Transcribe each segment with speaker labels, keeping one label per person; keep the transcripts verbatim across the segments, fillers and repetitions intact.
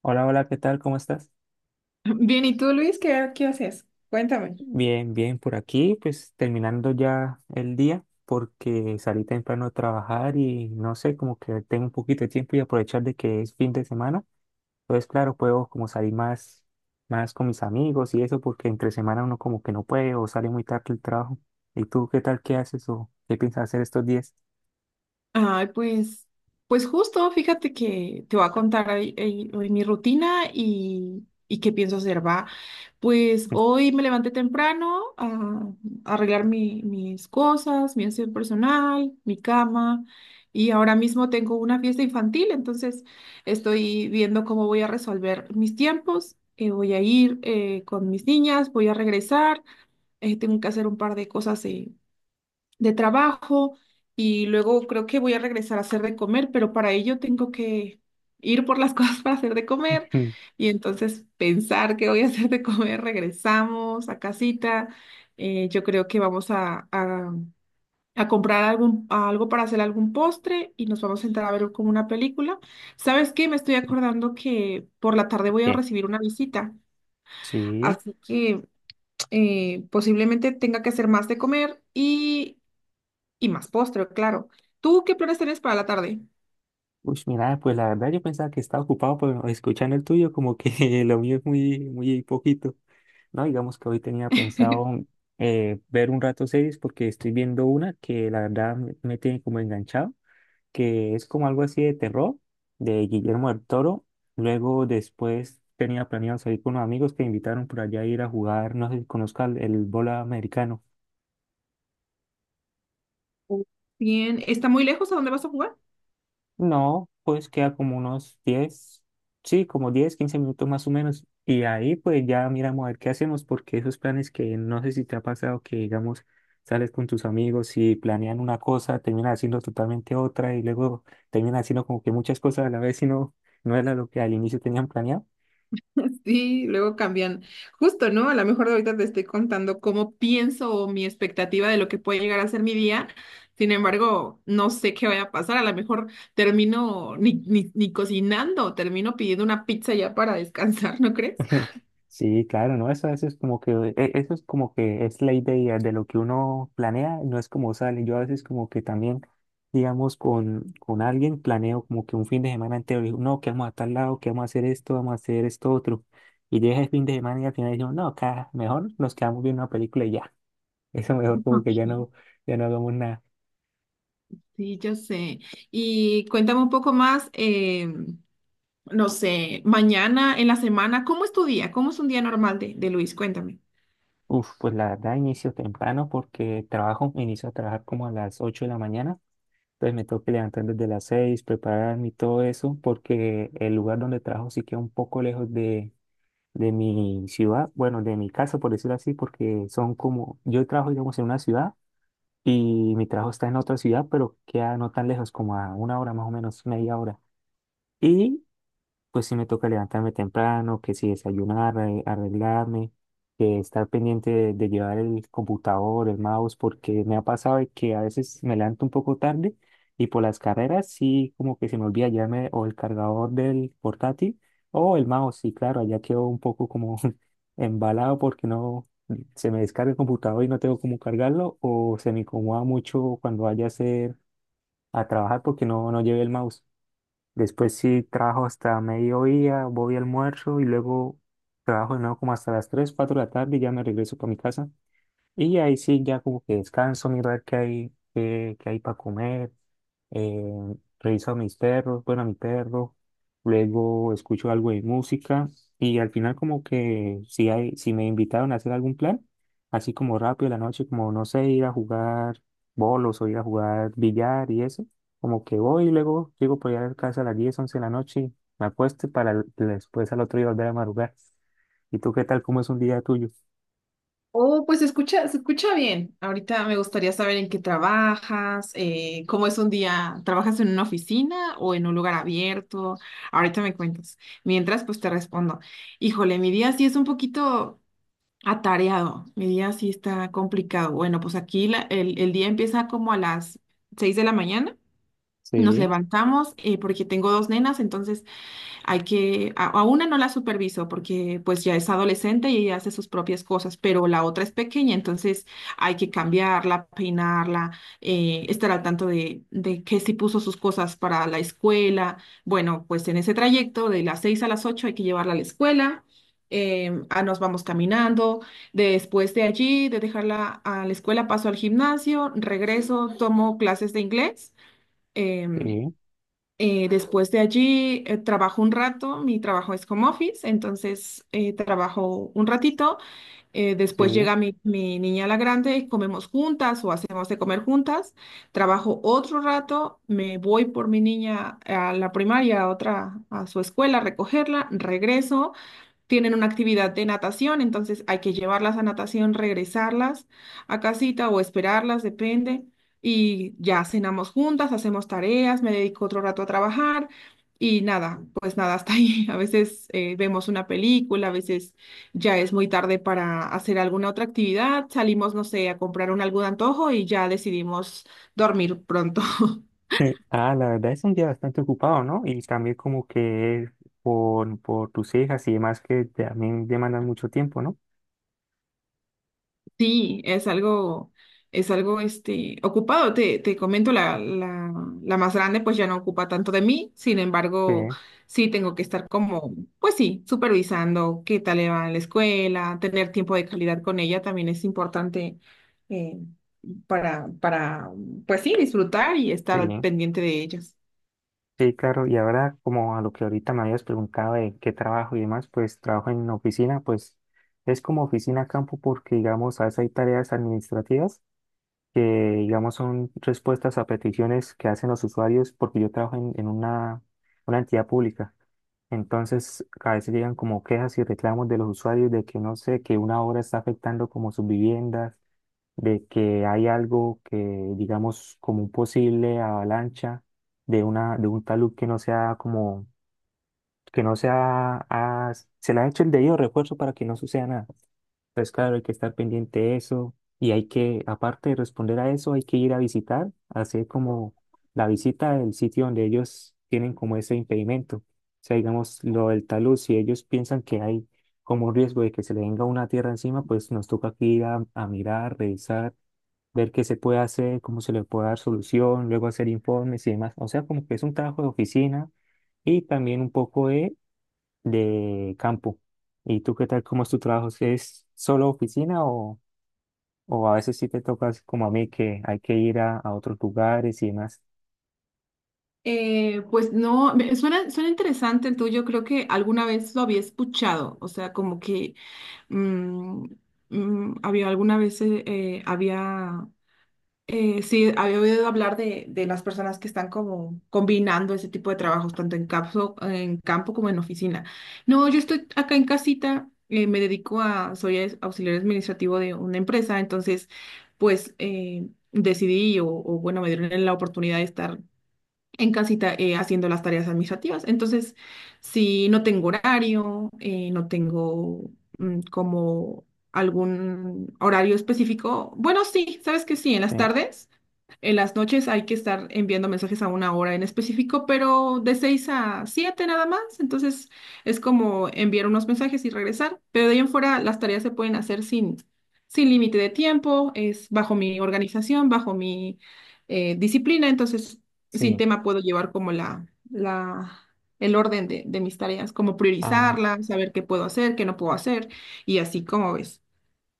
Speaker 1: Hola, hola, ¿qué tal? ¿Cómo estás?
Speaker 2: Bien, ¿y tú, Luis, qué, qué haces? Cuéntame.
Speaker 1: Bien, bien, por aquí, pues terminando ya el día porque salí temprano a trabajar y no sé, como que tengo un poquito de tiempo y aprovechar de que es fin de semana. Entonces, claro, puedo como salir más, más con mis amigos y eso porque entre semana uno como que no puede o sale muy tarde el trabajo. ¿Y tú qué tal? ¿Qué haces o qué piensas hacer estos días?
Speaker 2: Ay, pues, pues justo, fíjate que te voy a contar ahí- ahí- hoy mi rutina y, y qué pienso hacer, va. Pues hoy me levanté temprano a, a arreglar mi- mis cosas, mi aseo personal, mi cama, y ahora mismo tengo una fiesta infantil, entonces estoy viendo cómo voy a resolver mis tiempos. Eh, voy a ir eh, con mis niñas, voy a regresar, eh, tengo que hacer un par de cosas eh, de trabajo, y luego creo que voy a regresar a hacer de comer, pero para ello tengo que ir por las cosas para hacer de comer y entonces pensar que voy a hacer de comer. Regresamos a casita. Eh, yo creo que vamos a, a- a comprar algún, algo para hacer algún postre y nos vamos a sentar a ver como una película. ¿Sabes qué? Me estoy acordando que por la tarde voy a
Speaker 1: ¿Qué?
Speaker 2: recibir una visita,
Speaker 1: Sí.
Speaker 2: así que eh, posiblemente tenga que hacer más de comer y y más postre, claro. ¿Tú qué planes tienes para la tarde?
Speaker 1: Uy, mira, pues la verdad yo pensaba que estaba ocupado, pero escuchando el tuyo como que lo mío es muy, muy poquito. No, digamos que hoy tenía pensado eh, ver un rato series porque estoy viendo una que la verdad me me tiene como enganchado, que es como algo así de terror de Guillermo del Toro. Luego después tenía planeado salir con unos amigos que me invitaron por allá a ir a jugar, no sé si conozcas el, el bola americano.
Speaker 2: Bien, ¿está muy lejos a dónde vas a jugar?
Speaker 1: No, pues queda como unos diez, sí, como diez, quince minutos más o menos. Y ahí pues ya miramos a ver qué hacemos, porque esos planes que no sé si te ha pasado que digamos sales con tus amigos y planean una cosa, terminan haciendo totalmente otra y luego terminan haciendo como que muchas cosas a la vez y no, no era lo que al inicio tenían planeado.
Speaker 2: Sí, luego cambian. Justo, ¿no? A lo mejor ahorita te estoy contando cómo pienso o mi expectativa de lo que puede llegar a ser mi día. Sin embargo, no sé qué vaya a pasar. A lo mejor termino ni, ni, ni cocinando, termino pidiendo una pizza ya para descansar, ¿no crees?
Speaker 1: Sí, claro, ¿no? Eso, eso es como que, e- eso es como que es la idea de lo que uno planea, no es como sale. Yo a veces como que también, digamos, con, con alguien planeo como que un fin de semana entero, digo, no, que vamos a tal lado, que vamos a hacer esto, vamos a hacer esto otro. Y llega el fin de semana y al final digo, no, acá mejor nos quedamos viendo una película y ya. Eso mejor como que ya
Speaker 2: Ok.
Speaker 1: no, ya no hagamos nada.
Speaker 2: Sí, yo sé. Y cuéntame un poco más. Em, no sé, mañana, en la semana. ¿Cómo es tu día? ¿Cómo es un día normal de, de Luis? Cuéntame.
Speaker 1: Uf, pues la verdad inicio temprano porque trabajo, inicio a trabajar como a las ocho de la mañana. Entonces me tengo que levantar desde las seis, prepararme y todo eso, porque el lugar donde trabajo sí queda un poco lejos de, de mi ciudad, bueno, de mi casa, por decirlo así, porque son como, yo trabajo, digamos, en una ciudad y mi trabajo está en otra ciudad, pero queda no tan lejos, como a una hora más o menos, media hora. Y pues sí me toca levantarme temprano, que si desayunar, arre- arreglarme, que estar pendiente de, de llevar el computador, el mouse, porque me ha pasado de que a veces me levanto un poco tarde y por las carreras sí como que se me olvida llevarme o el cargador del portátil o el mouse, y claro, allá quedo un poco como embalado porque no se me descarga el computador y no tengo cómo cargarlo o se me incomoda mucho cuando vaya a hacer a trabajar porque no, no llevé el mouse. Después sí trabajo hasta mediodía, voy al almuerzo y luego trabajo de nuevo como hasta las tres cuatro de la tarde y ya me regreso para mi casa. Y ahí sí, ya como que descanso, mirar qué hay, qué, qué hay para comer. Eh, reviso a mis perros, bueno, a mi perro. Luego escucho algo de música. Y al final como que si hay, si me invitaron a hacer algún plan, así como rápido de la noche, como no sé, ir a jugar bolos o ir a jugar billar y eso. Como que voy y luego llego por allá a casa a las diez once de la noche, me acuesto y para el- después al otro día volver a madrugar. ¿Y tú qué tal? ¿Cómo es un día tuyo?
Speaker 2: Oh, pues se escucha, se escucha bien. Ahorita me gustaría saber en qué trabajas, eh, cómo es un día, ¿trabajas en una oficina o en un lugar abierto? Ahorita me cuentas. Mientras, pues te respondo. Híjole, mi día sí es un poquito atareado, mi día sí está complicado. Bueno, pues aquí la- el, el día empieza como a las seis de la mañana. Nos
Speaker 1: Sí,
Speaker 2: levantamos eh, porque tengo dos nenas, entonces hay que, a, a una no la superviso porque pues ya es adolescente y ella hace sus propias cosas, pero la otra es pequeña, entonces hay que cambiarla, peinarla, eh, estar al tanto de, de que si puso sus cosas para la escuela. Bueno, pues en ese trayecto de las seis a las ocho hay que llevarla a la escuela. Em, ah, nos vamos caminando. Después de allí, de dejarla a la escuela, paso al gimnasio, regreso, tomo clases de inglés. em,
Speaker 1: sí,
Speaker 2: eh, Después de allí eh, trabajo un rato, mi trabajo es home office, entonces eh, trabajo un ratito, eh, después
Speaker 1: sí.
Speaker 2: llega mi, mi niña la grande, comemos juntas o hacemos de comer juntas, trabajo otro rato, me voy por mi niña a la primaria, a otra, a su escuela, a recogerla, regreso. Tienen una actividad de natación, entonces hay que llevarlas a natación, regresarlas a casita o esperarlas, depende. Y ya cenamos juntas, hacemos tareas, me dedico otro rato a trabajar y nada, pues nada, hasta ahí. A veces eh, vemos una película, a veces ya es muy tarde para hacer alguna otra actividad, salimos, no sé, a comprar un algún antojo y ya decidimos dormir pronto.
Speaker 1: Eh, ah, la verdad es un día bastante ocupado, ¿no? Y también como que es por, por tus hijas y demás que también demandan mucho tiempo, ¿no?
Speaker 2: Sí, es algo, es algo este, ocupado. Te, te comento, la, la, la más grande pues ya no ocupa tanto de mí, sin
Speaker 1: Sí,
Speaker 2: embargo, sí tengo que estar como, pues sí, supervisando qué tal le va en la escuela, tener tiempo de calidad con ella también es importante eh, para, para, pues sí, disfrutar y
Speaker 1: sí,
Speaker 2: estar al pendiente de ellos.
Speaker 1: sí, claro. Y ahora como a lo que ahorita me habías preguntado de qué trabajo y demás, pues trabajo en oficina, pues es como oficina campo porque digamos a veces hay tareas administrativas que digamos son respuestas a peticiones que hacen los usuarios porque yo trabajo en, en una, una entidad pública. Entonces, a veces llegan como quejas y reclamos de los usuarios de que no sé, que una obra está afectando como sus viviendas, de que hay algo que, digamos, como un posible avalancha de una, de un talud que no sea como que no sea, ah, se le ha hecho el debido refuerzo para que no suceda nada. Entonces, claro, hay que estar pendiente de eso y hay que, aparte de responder a eso, hay que ir a visitar, hacer como la visita del sitio donde ellos tienen como ese impedimento. O sea, digamos, lo del talud, si ellos piensan que hay como un riesgo de que se le venga una tierra encima, pues nos toca aquí ir a, a mirar, revisar, ver qué se puede hacer, cómo se le puede dar solución, luego hacer informes y demás. O sea, como que es un trabajo de oficina y también un poco de de campo. ¿Y tú qué tal? ¿Cómo es tu trabajo? ¿Es solo oficina o, o a veces sí te tocas como a mí que hay que ir a, a otros lugares y demás?
Speaker 2: Eh, pues no, me- suena, suena interesante el tuyo, creo que alguna vez lo había escuchado, o sea, como que Mm, mm, había alguna vez, eh, eh, había, eh, sí, había oído hablar de, de las personas que están como combinando ese tipo de trabajos, tanto en campo, en campo como en oficina. No, yo estoy acá en casita, eh, me dedico a, soy es- auxiliar administrativo de una empresa. Entonces, pues, eh, decidí o, o, bueno, me dieron la oportunidad de estar en casita eh, haciendo las tareas administrativas. Entonces, si no tengo horario, eh, no tengo, mm, como, algún horario específico. Bueno, sí, sabes que sí, en las
Speaker 1: Eh,
Speaker 2: tardes. En las noches hay que estar enviando mensajes a una hora en específico, pero de seis a siete nada más. Entonces es como enviar unos mensajes y regresar. Pero de ahí en fuera las tareas se pueden hacer sin, sin límite de tiempo, es bajo mi organización, bajo mi eh, disciplina. Entonces sin
Speaker 1: Sí.
Speaker 2: tema puedo llevar como la, la, el orden de, de mis tareas, como priorizarlas, saber qué puedo hacer, qué no puedo hacer y así como ves.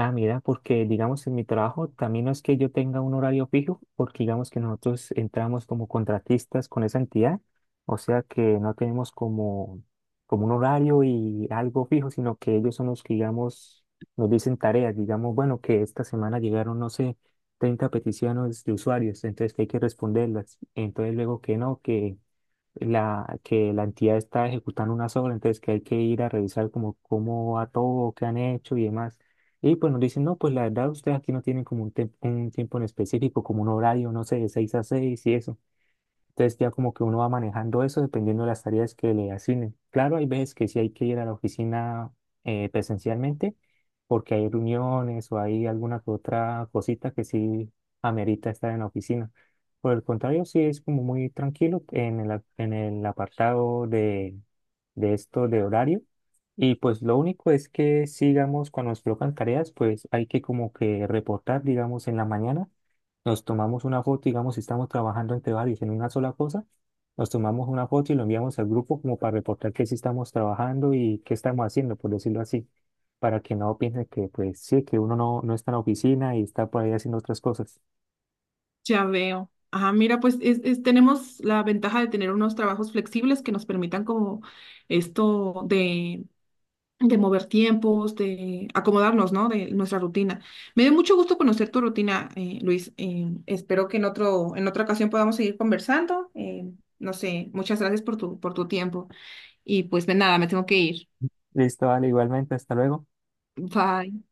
Speaker 1: Ah, mira, porque digamos en mi trabajo también no es que yo tenga un horario fijo, porque digamos que nosotros entramos como contratistas con esa entidad, o sea que no tenemos como, como un horario y algo fijo, sino que ellos son los que, digamos, nos dicen tareas, digamos, bueno, que esta semana llegaron, no sé, treinta peticiones de usuarios, entonces que hay que responderlas, entonces luego que no, que la, que la entidad está ejecutando una obra, entonces que hay que ir a revisar como cómo va todo, qué han hecho y demás. Y pues nos dicen, no, pues la verdad ustedes aquí no tienen como un, tem- un tiempo en específico, como un horario, no sé, de seis a seis y eso. Entonces ya como que uno va manejando eso dependiendo de las tareas que le asignen. Claro, hay veces que sí hay que ir a la oficina eh, presencialmente porque hay reuniones o hay alguna que otra cosita que sí amerita estar en la oficina. Por el contrario, sí es como muy tranquilo en el, a- en el apartado de, de esto de horario. Y pues lo único es que sigamos cuando nos colocan tareas, pues hay que como que reportar, digamos, en la mañana nos tomamos una foto, digamos, si estamos trabajando entre varios en una sola cosa, nos tomamos una foto y lo enviamos al grupo como para reportar que sí estamos trabajando y qué estamos haciendo, por decirlo así, para que no piensen que, pues sí, que uno no, no está en la oficina y está por ahí haciendo otras cosas.
Speaker 2: Ya veo. Ah, mira, pues es, es- tenemos la ventaja de tener unos trabajos flexibles que nos permitan como esto de, de mover tiempos, de acomodarnos, ¿no? De nuestra rutina. Me dio mucho gusto conocer tu rutina, eh, Luis. Eh, espero que en otro, en otra ocasión podamos seguir conversando. Eh, no sé, muchas gracias por tu, por tu tiempo. Y pues de nada, me tengo que ir.
Speaker 1: Listo, vale, igualmente, hasta luego.
Speaker 2: Bye.